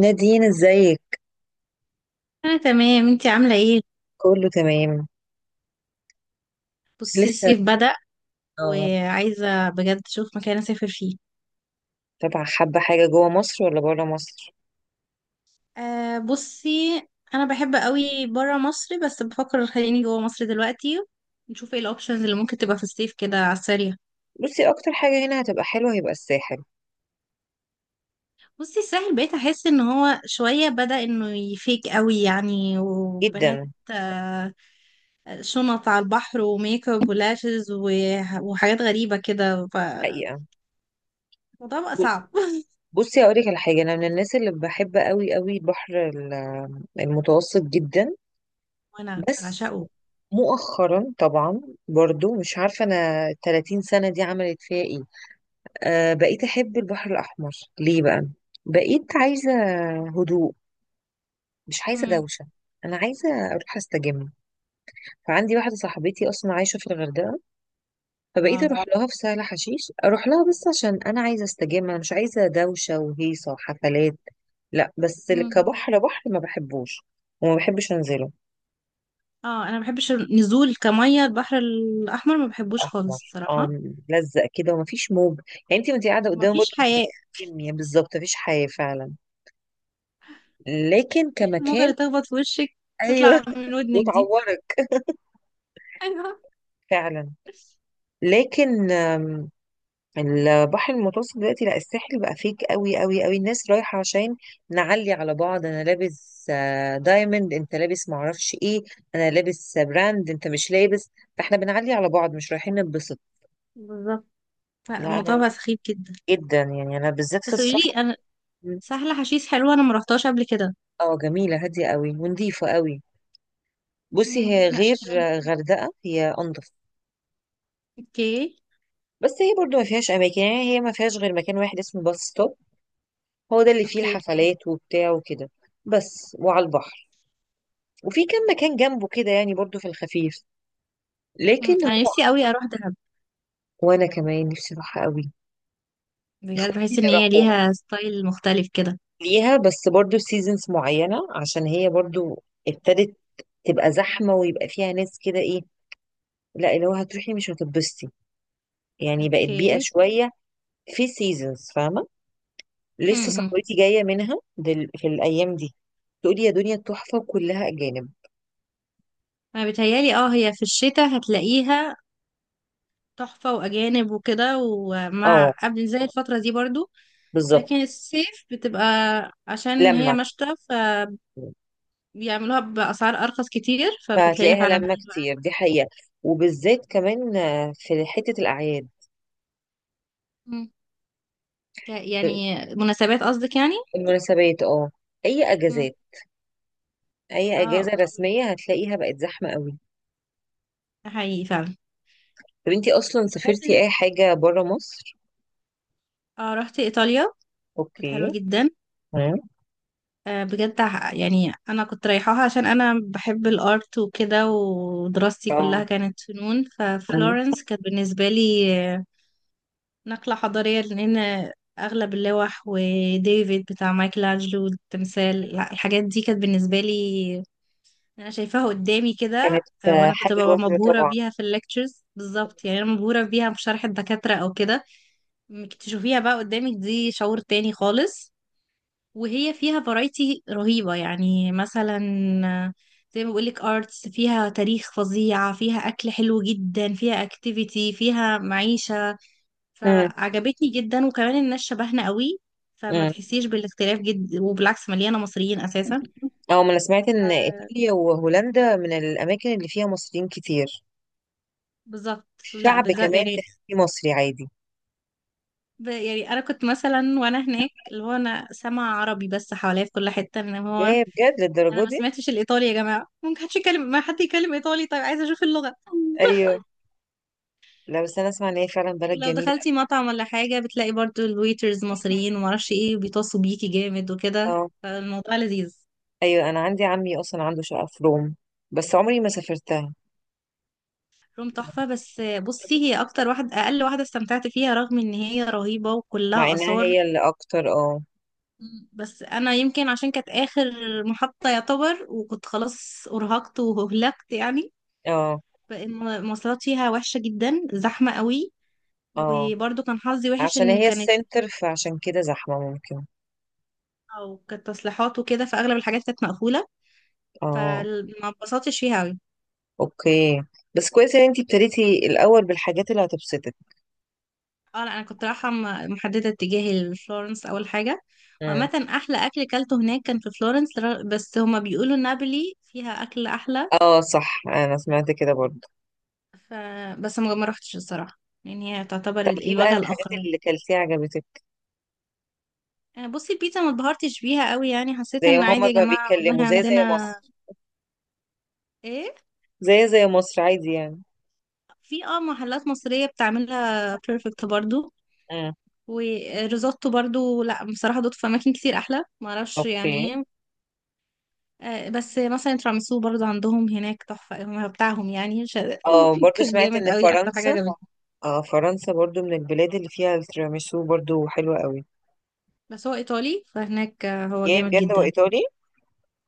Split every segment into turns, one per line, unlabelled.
نادين ازيك.
انا تمام، انتي عامله ايه؟
كله تمام.
بصي
لسه
الصيف بدأ
اه.
وعايزه بجد اشوف مكان اسافر فيه.
طبعا حابة حاجة جوه مصر ولا بره مصر.
أه بصي، انا بحب قوي برا مصر بس بفكر خليني جوا مصر دلوقتي. نشوف ايه الاوبشنز اللي ممكن تبقى في الصيف كده على السريع.
بصي اكتر حاجة هنا هتبقى حلوة هيبقى الساحل
بصي الساحل بقيت احس ان هو شويه بدأ انه يفيك قوي يعني، وبنات
جدا
شنط على البحر وميك اب ولاشز وحاجات غريبه كده فالموضوع
حقيقة.
بقى
ب-
صعب.
بصي هقولك على حاجة، انا من الناس اللي بحب قوي قوي البحر المتوسط جدا.
وانا
بس
بعشقه.
مؤخرا طبعا برضو مش عارفة أنا 30 سنة دي عملت فيها إيه. آه بقيت أحب البحر الأحمر. ليه بقى؟ بقيت عايزة هدوء، مش عايزة
امم.
دوشة. أنا عايزة أروح أستجم. فعندي واحدة صاحبتي أصلا عايشة في الغردقة، فبقيت
واو.
أروح آه. لها في سهل حشيش، أروح لها بس عشان أنا عايزة أستجم، أنا مش عايزة دوشة وهيصة وحفلات. لا بس كبحر، بحر ما بحبوش وما بحبش أنزله.
اه انا ما بحبش النزول، كميه البحر الاحمر ما بحبوش خالص
أحمر آه،
الصراحه.
ملزق كده ومفيش موج. يعني أنت وأنت قاعدة
وما
قدامه برضه
فيش حياه.
هتتكلمي، بالظبط مفيش حياة فعلا. لكن
الموجه
كمكان.
اللي تخبط في وشك
أيوه.
تطلع من ودنك دي.
وتعورك.
ايوه.
فعلا. لكن البحر المتوسط دلوقتي، لا الساحل بقى فيك قوي قوي قوي. الناس رايحة عشان نعلي على بعض، انا لابس دايموند انت لابس معرفش ايه، انا لابس براند انت مش لابس. فاحنا بنعلي على بعض مش رايحين نتبسط.
بالظبط، لا
لا
الموضوع
انا
بقى سخيف جدا.
جدا يعني، انا بالذات في
بس قولي
السفر.
لي انا، سهله حشيش حلوه؟ انا ما رحتهاش قبل كده.
اه جميلة هادية قوي ونضيفة قوي. بصي هي
لا
غير
شكلها.
غردقة، هي انضف.
اوكي.
بس هي برضو ما فيهاش اماكن، يعني هي ما فيهاش غير مكان واحد اسمه باص ستوب، هو ده اللي فيه
اوكي.
الحفلات وبتاع وكده. بس وعلى البحر، وفي كم مكان جنبه كده يعني برضو في الخفيف.
مم.
لكن
انا
هو
نفسي قوي اروح دهب.
وانا كمان نفسي اروحها قوي.
بجد
اخواتي
بحس
اللي
ان هي
راحوها
ليها ستايل مختلف كده.
ليها، بس برضو سيزونز معينة عشان هي برضو ابتدت تبقى زحمة ويبقى فيها ناس كده ايه، لا اللي هو هتروحي مش هتتبسطي، يعني بقت بيئة
اوكي.
شوية في سيزونز، فاهمة. لسه
امم.
صاحبتي جاية منها دل في الأيام دي، تقولي يا دنيا تحفة وكلها أجانب.
انا بتهيالي اه هي في الشتاء هتلاقيها تحفة وأجانب وكده ومع
اه
قبل زي الفترة دي برضو. لكن
بالظبط.
الصيف بتبقى، عشان هي
لما
مشتى فبيعملوها بأسعار أرخص كتير فبتلاقيها
فهتلاقيها
فعلا
لما
حلوة.
كتير دي حقيقة، وبالذات كمان في حتة الأعياد.
مم. يعني مناسبات قصدك يعني.
المناسبات اه، أي
مم.
أجازات، أي
اه
أجازة
اوكي.
رسمية هتلاقيها بقت زحمة قوي.
ده حقيقي فعلا.
طب انتي أصلا
بحس ان
سافرتي أي حاجة برا مصر؟
اه رحت ايطاليا. كانت حلوه
اوكي.
جدا.
مم.
آه بجد، يعني انا كنت رايحاها عشان انا بحب الارت وكده ودراستي
اه.
كلها كانت فنون.
مم.
ففلورنس كانت بالنسبه لي نقلة حضارية، لأن أغلب اللوح وديفيد بتاع مايكل أنجلو التمثال، لا الحاجات دي كانت بالنسبة لي، أنا شايفاها قدامي كده.
كانت
وأنا كنت
حاجة
ببقى
وهم
مبهورة
طبعا.
بيها في الليكتشرز، بالظبط يعني أنا مبهورة بيها في شرح الدكاترة أو كده. إنك تشوفيها بقى قدامك دي شعور تاني خالص. وهي فيها فرايتي رهيبة، يعني مثلا آه، زي ما بقولك ارتس فيها تاريخ فظيع فيها أكل حلو جدا فيها اكتيفيتي فيها معيشة.
مم.
فعجبتني جدا، وكمان الناس شبهنا قوي. فما
مم.
تحسيش بالاختلاف جدا، وبالعكس مليانه مصريين اساسا.
اه ما أنا سمعت إن
آه،
إيطاليا وهولندا من الأماكن اللي فيها مصريين كتير.
بالظبط. لا
الشعب
بالظبط
كمان
يعني،
تحسيه مصري عادي.
يعني انا كنت مثلا وانا هناك اللي هو انا سامع عربي بس حواليا في كل حته ان هو
يا بجد
انا
للدرجة
ما
دي؟
سمعتش الايطالي يا جماعه. ممكن حدش يكلم، ما حد يكلم ايطالي طيب، عايزه اشوف اللغه.
أيوه. لا بس أنا أسمع إن هي فعلا بلد
ولو
جميلة.
دخلتي مطعم ولا حاجه بتلاقي برضو الويترز مصريين وما اعرفش ايه بيتصوا بيكي جامد وكده
اه.
فالموضوع لذيذ.
ايوه انا عندي عمي اصلا عنده شقه في روم، بس عمري ما سافرتها.
روم تحفة، بس بصي هي أكتر واحدة أقل واحدة استمتعت فيها رغم إن هي رهيبة
مع
وكلها
انها
آثار.
هي اللي اكتر اه.
مم. بس أنا يمكن عشان كانت آخر محطة يعتبر، وكنت خلاص أرهقت وهلكت يعني.
اه.
فالمواصلات فيها وحشة جدا، زحمة قوي.
اه
وبرضه كان حظي وحش
عشان
إن
هي
كانت،
السنتر فعشان كده زحمه ممكن.
أو كانت تصليحات وكده فأغلب الحاجات كانت مقفولة.
اه
فما اتبسطتش فيها أوي.
اوكي. بس كويس ان انتي ابتديتي الاول بالحاجات اللي هتبسطك.
اه لا انا كنت رايحه محدده اتجاهي لفلورنس اول حاجه.
مم.
وعامه احلى اكل كلته هناك كان في فلورنس، بس هما بيقولوا نابولي فيها اكل احلى.
اه صح انا سمعت كده برضه.
ف بس ما روحتش الصراحه. يعني هي تعتبر
طب ايه
الوجهه
بقى الحاجات
الاخرى يعني.
اللي كلتيها عجبتك؟
بصي البيتزا ما اتبهرتش بيها قوي، يعني حسيت
زي
ان
ما
عادي
هما
يا
بقى
جماعه،
بيتكلموا،
والله
زي
عندنا
مصر.
ايه؟
زي مصر عادي يعني.
في محلات مصريه بتعملها بيرفكت برضو.
امم.
وريزوتو برضو، لا بصراحه دوت في اماكن كتير احلى ما اعرفش
اوكي.
يعني إيه. بس مثلا تراميسو برضو عندهم هناك تحفة، هم بتاعهم يعني
اه برضه
كان
سمعت
جامد
ان
قوي، أكتر حاجة
فرنسا.
عجبتني.
اه فرنسا برضو من البلاد اللي فيها التيراميسو برضو حلوة قوي.
بس هو إيطالي، فهناك هو
يا
جامد
بجد
جدا.
وإيطالي.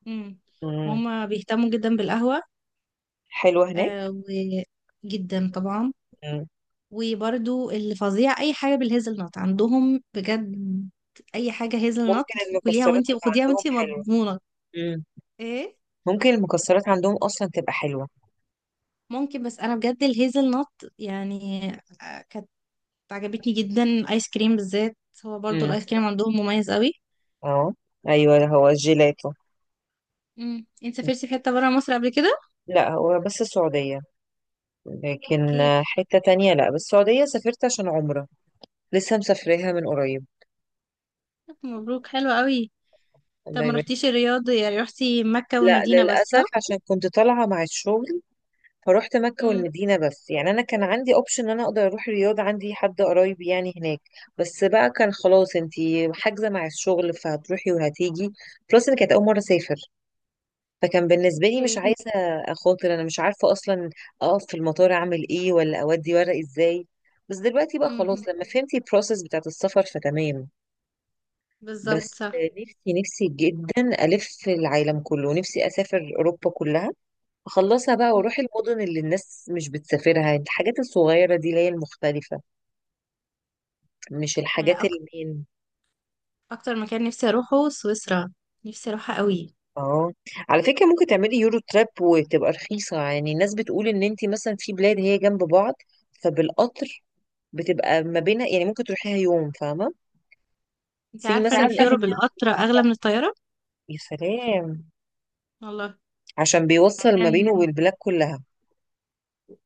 امم.
مم.
وهم بيهتموا جدا بالقهوة.
حلوة هناك.
آه، وجدا طبعا.
مم.
وبرضو اللي فظيع أي حاجة بالهيزل نوت عندهم بجد. أي حاجة هيزل نوت
ممكن
كليها
المكسرات
وانتي،
تبقى
وخديها
عندهم
وانتي
حلوة.
مضمونة.
مم.
ايه.
ممكن المكسرات عندهم أصلا تبقى حلوة.
ممكن، بس أنا بجد الهيزل نوت يعني عجبتني جدا. ايس كريم بالذات، هو برضو
مم.
الايس كريم عندهم مميز قوي.
اه. أيوة هو الجيلاتو.
انت
مم.
سافرتي في حته بره مصر قبل كده؟
لا هو بس السعودية. لكن
اوكي.
حتة تانية، لا بس السعودية سافرت عشان عمرة. لسه مسافراها من قريب.
طب مبروك حلو قوي. طب
الله
ما
يبارك.
رحتيش الرياض يعني، رحتي مكه
لا
والمدينه بس
للأسف
صح؟
عشان كنت طالعة مع الشغل، فروحت مكة
امم.
والمدينة بس، يعني أنا كان عندي أوبشن إن أنا أقدر أروح الرياض، عندي حد قرايب يعني هناك. بس بقى كان خلاص أنتي حاجزة مع الشغل فهتروحي وهتيجي. بلس إن كانت أول مرة أسافر، فكان بالنسبة لي مش
اوكي.
عايزة أخاطر، أنا مش عارفة أصلا أقف في المطار أعمل إيه ولا أودي ورق إزاي. بس دلوقتي بقى
امم
خلاص لما فهمت البروسيس بتاعت السفر فتمام.
بالظبط
بس
صح.
نفسي نفسي جدا ألف العالم كله، نفسي أسافر أوروبا كلها، خلصها بقى
امم
وروحي المدن اللي الناس مش بتسافرها، الحاجات الصغيرة دي اللي هي المختلفة، مش
انا
الحاجات المين.
اكتر مكان نفسي اروحه سويسرا. نفسي اروحها قوي.
اه على فكرة ممكن تعملي يورو تراب وتبقى رخيصة، يعني الناس بتقول ان انت مثلا في بلاد هي جنب بعض، فبالقطر بتبقى ما بينها، يعني ممكن تروحيها يوم، فاهمة.
انت
سي انت
عارفه
مثلا
ان
عارفه
في
ان في،
يوروب القطر اغلى من الطياره؟
يا سلام،
والله.
عشان بيوصل ما
عشان
بينه والبلاد كلها.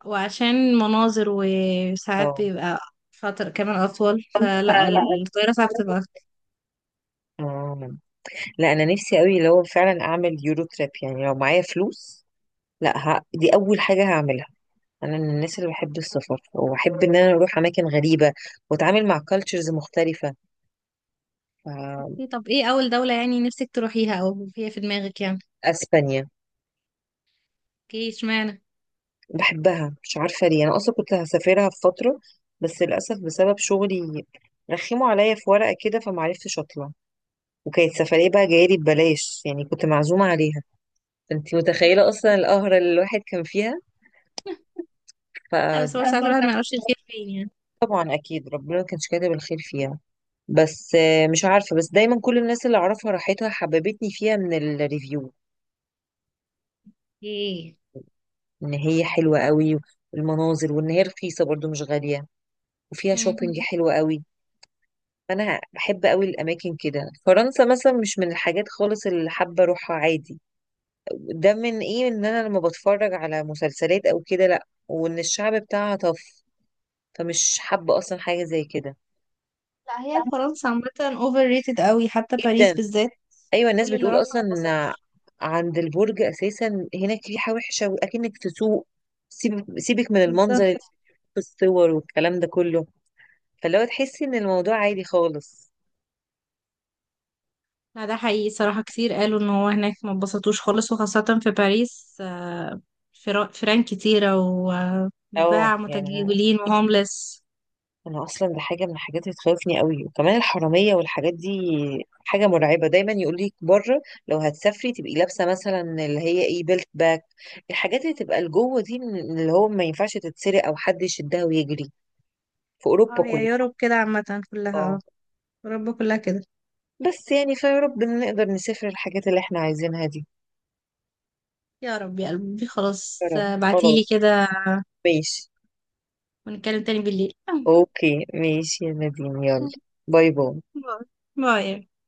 مناظر، وساعات
اه.
بيبقى فترة كمان أطول فلا الطيارة ساعات بتبقى.
اه لا انا نفسي قوي لو فعلا اعمل يورو تراب، يعني لو معايا فلوس، لا دي اول حاجة هعملها. انا من الناس اللي بحب السفر، واحب ان انا اروح اماكن غريبه واتعامل مع كالتشرز مختلفه. ف-
اوكي طب ايه اول دولة يعني نفسك تروحيها او هي في دماغك يعني؟
اسبانيا،
اوكي اشمعنى؟
بحبها مش عارفه ليه، انا اصلا كنت هسافرها في فتره بس للاسف بسبب شغلي رخموا عليا في ورقه كده فمعرفتش اطلع، وكانت سفريه بقى جايلي ببلاش يعني كنت معزومه عليها، فانت متخيله اصلا
اوكي.
القهره اللي الواحد كان فيها.
لا بس هو ساعات
فطبعا
الواحد ما يعرفش الخير فين يعني.
اكيد ربنا ما كانش كاتب الخير فيها. بس مش عارفه، بس دايما كل الناس اللي اعرفها راحتها حببتني فيها من الريفيو
اوكي.
ان هي حلوه قوي، والمناظر وان هي رخيصه برضو مش غاليه، وفيها
مم.
شوبينج حلوه قوي. فانا بحب قوي الاماكن كده. فرنسا مثلا مش من الحاجات خالص اللي حابه اروحها عادي، ده من ايه ان انا لما بتفرج على مسلسلات او كده، لا وان الشعب بتاعها طف، فمش حابه اصلا حاجه زي كده.
لا هي فرنسا عامة اوفر ريتد قوي، حتى باريس
جدا.
بالذات.
ايوه الناس
كل اللي
بتقول
راحها
اصلا
ما
إن
اتبسطش.
عند البرج اساسا هناك ريحه وحشه واكنك في سوق، سيبك سيبك من المنظر
بالظبط.
في الصور والكلام ده كله، فاللي هو تحسي ان الموضوع عادي خالص.
لا ده حقيقي صراحة، كتير قالوا ان هو هناك ما اتبسطوش خالص، وخاصة في باريس فيران كتيرة
اه
وباع
يعني انا،
متجولين وهوملس.
أنا اصلا دي حاجه من الحاجات اللي تخوفني قوي، وكمان الحراميه والحاجات دي حاجه مرعبه، دايما يقول لك بره لو هتسافري تبقي لابسه مثلا اللي هي ايه بيلت باك، الحاجات اللي تبقى لجوه دي، من اللي هو ما ينفعش تتسرق او حد يشدها ويجري، في
اه
اوروبا
هي
كلها.
يوروب كده عامة كلها
اه.
اه. اوروبا كلها كده.
بس يعني فيا رب إن نقدر نسافر الحاجات اللي احنا عايزينها دي.
يا رب يا قلبي
يا
خلاص،
رب.
بعتيلي
خلاص.
كده.
ماشي.
ونتكلم تاني بالليل.
اوكي ماشي يا نادين، يلا. باي باي.
باي باي.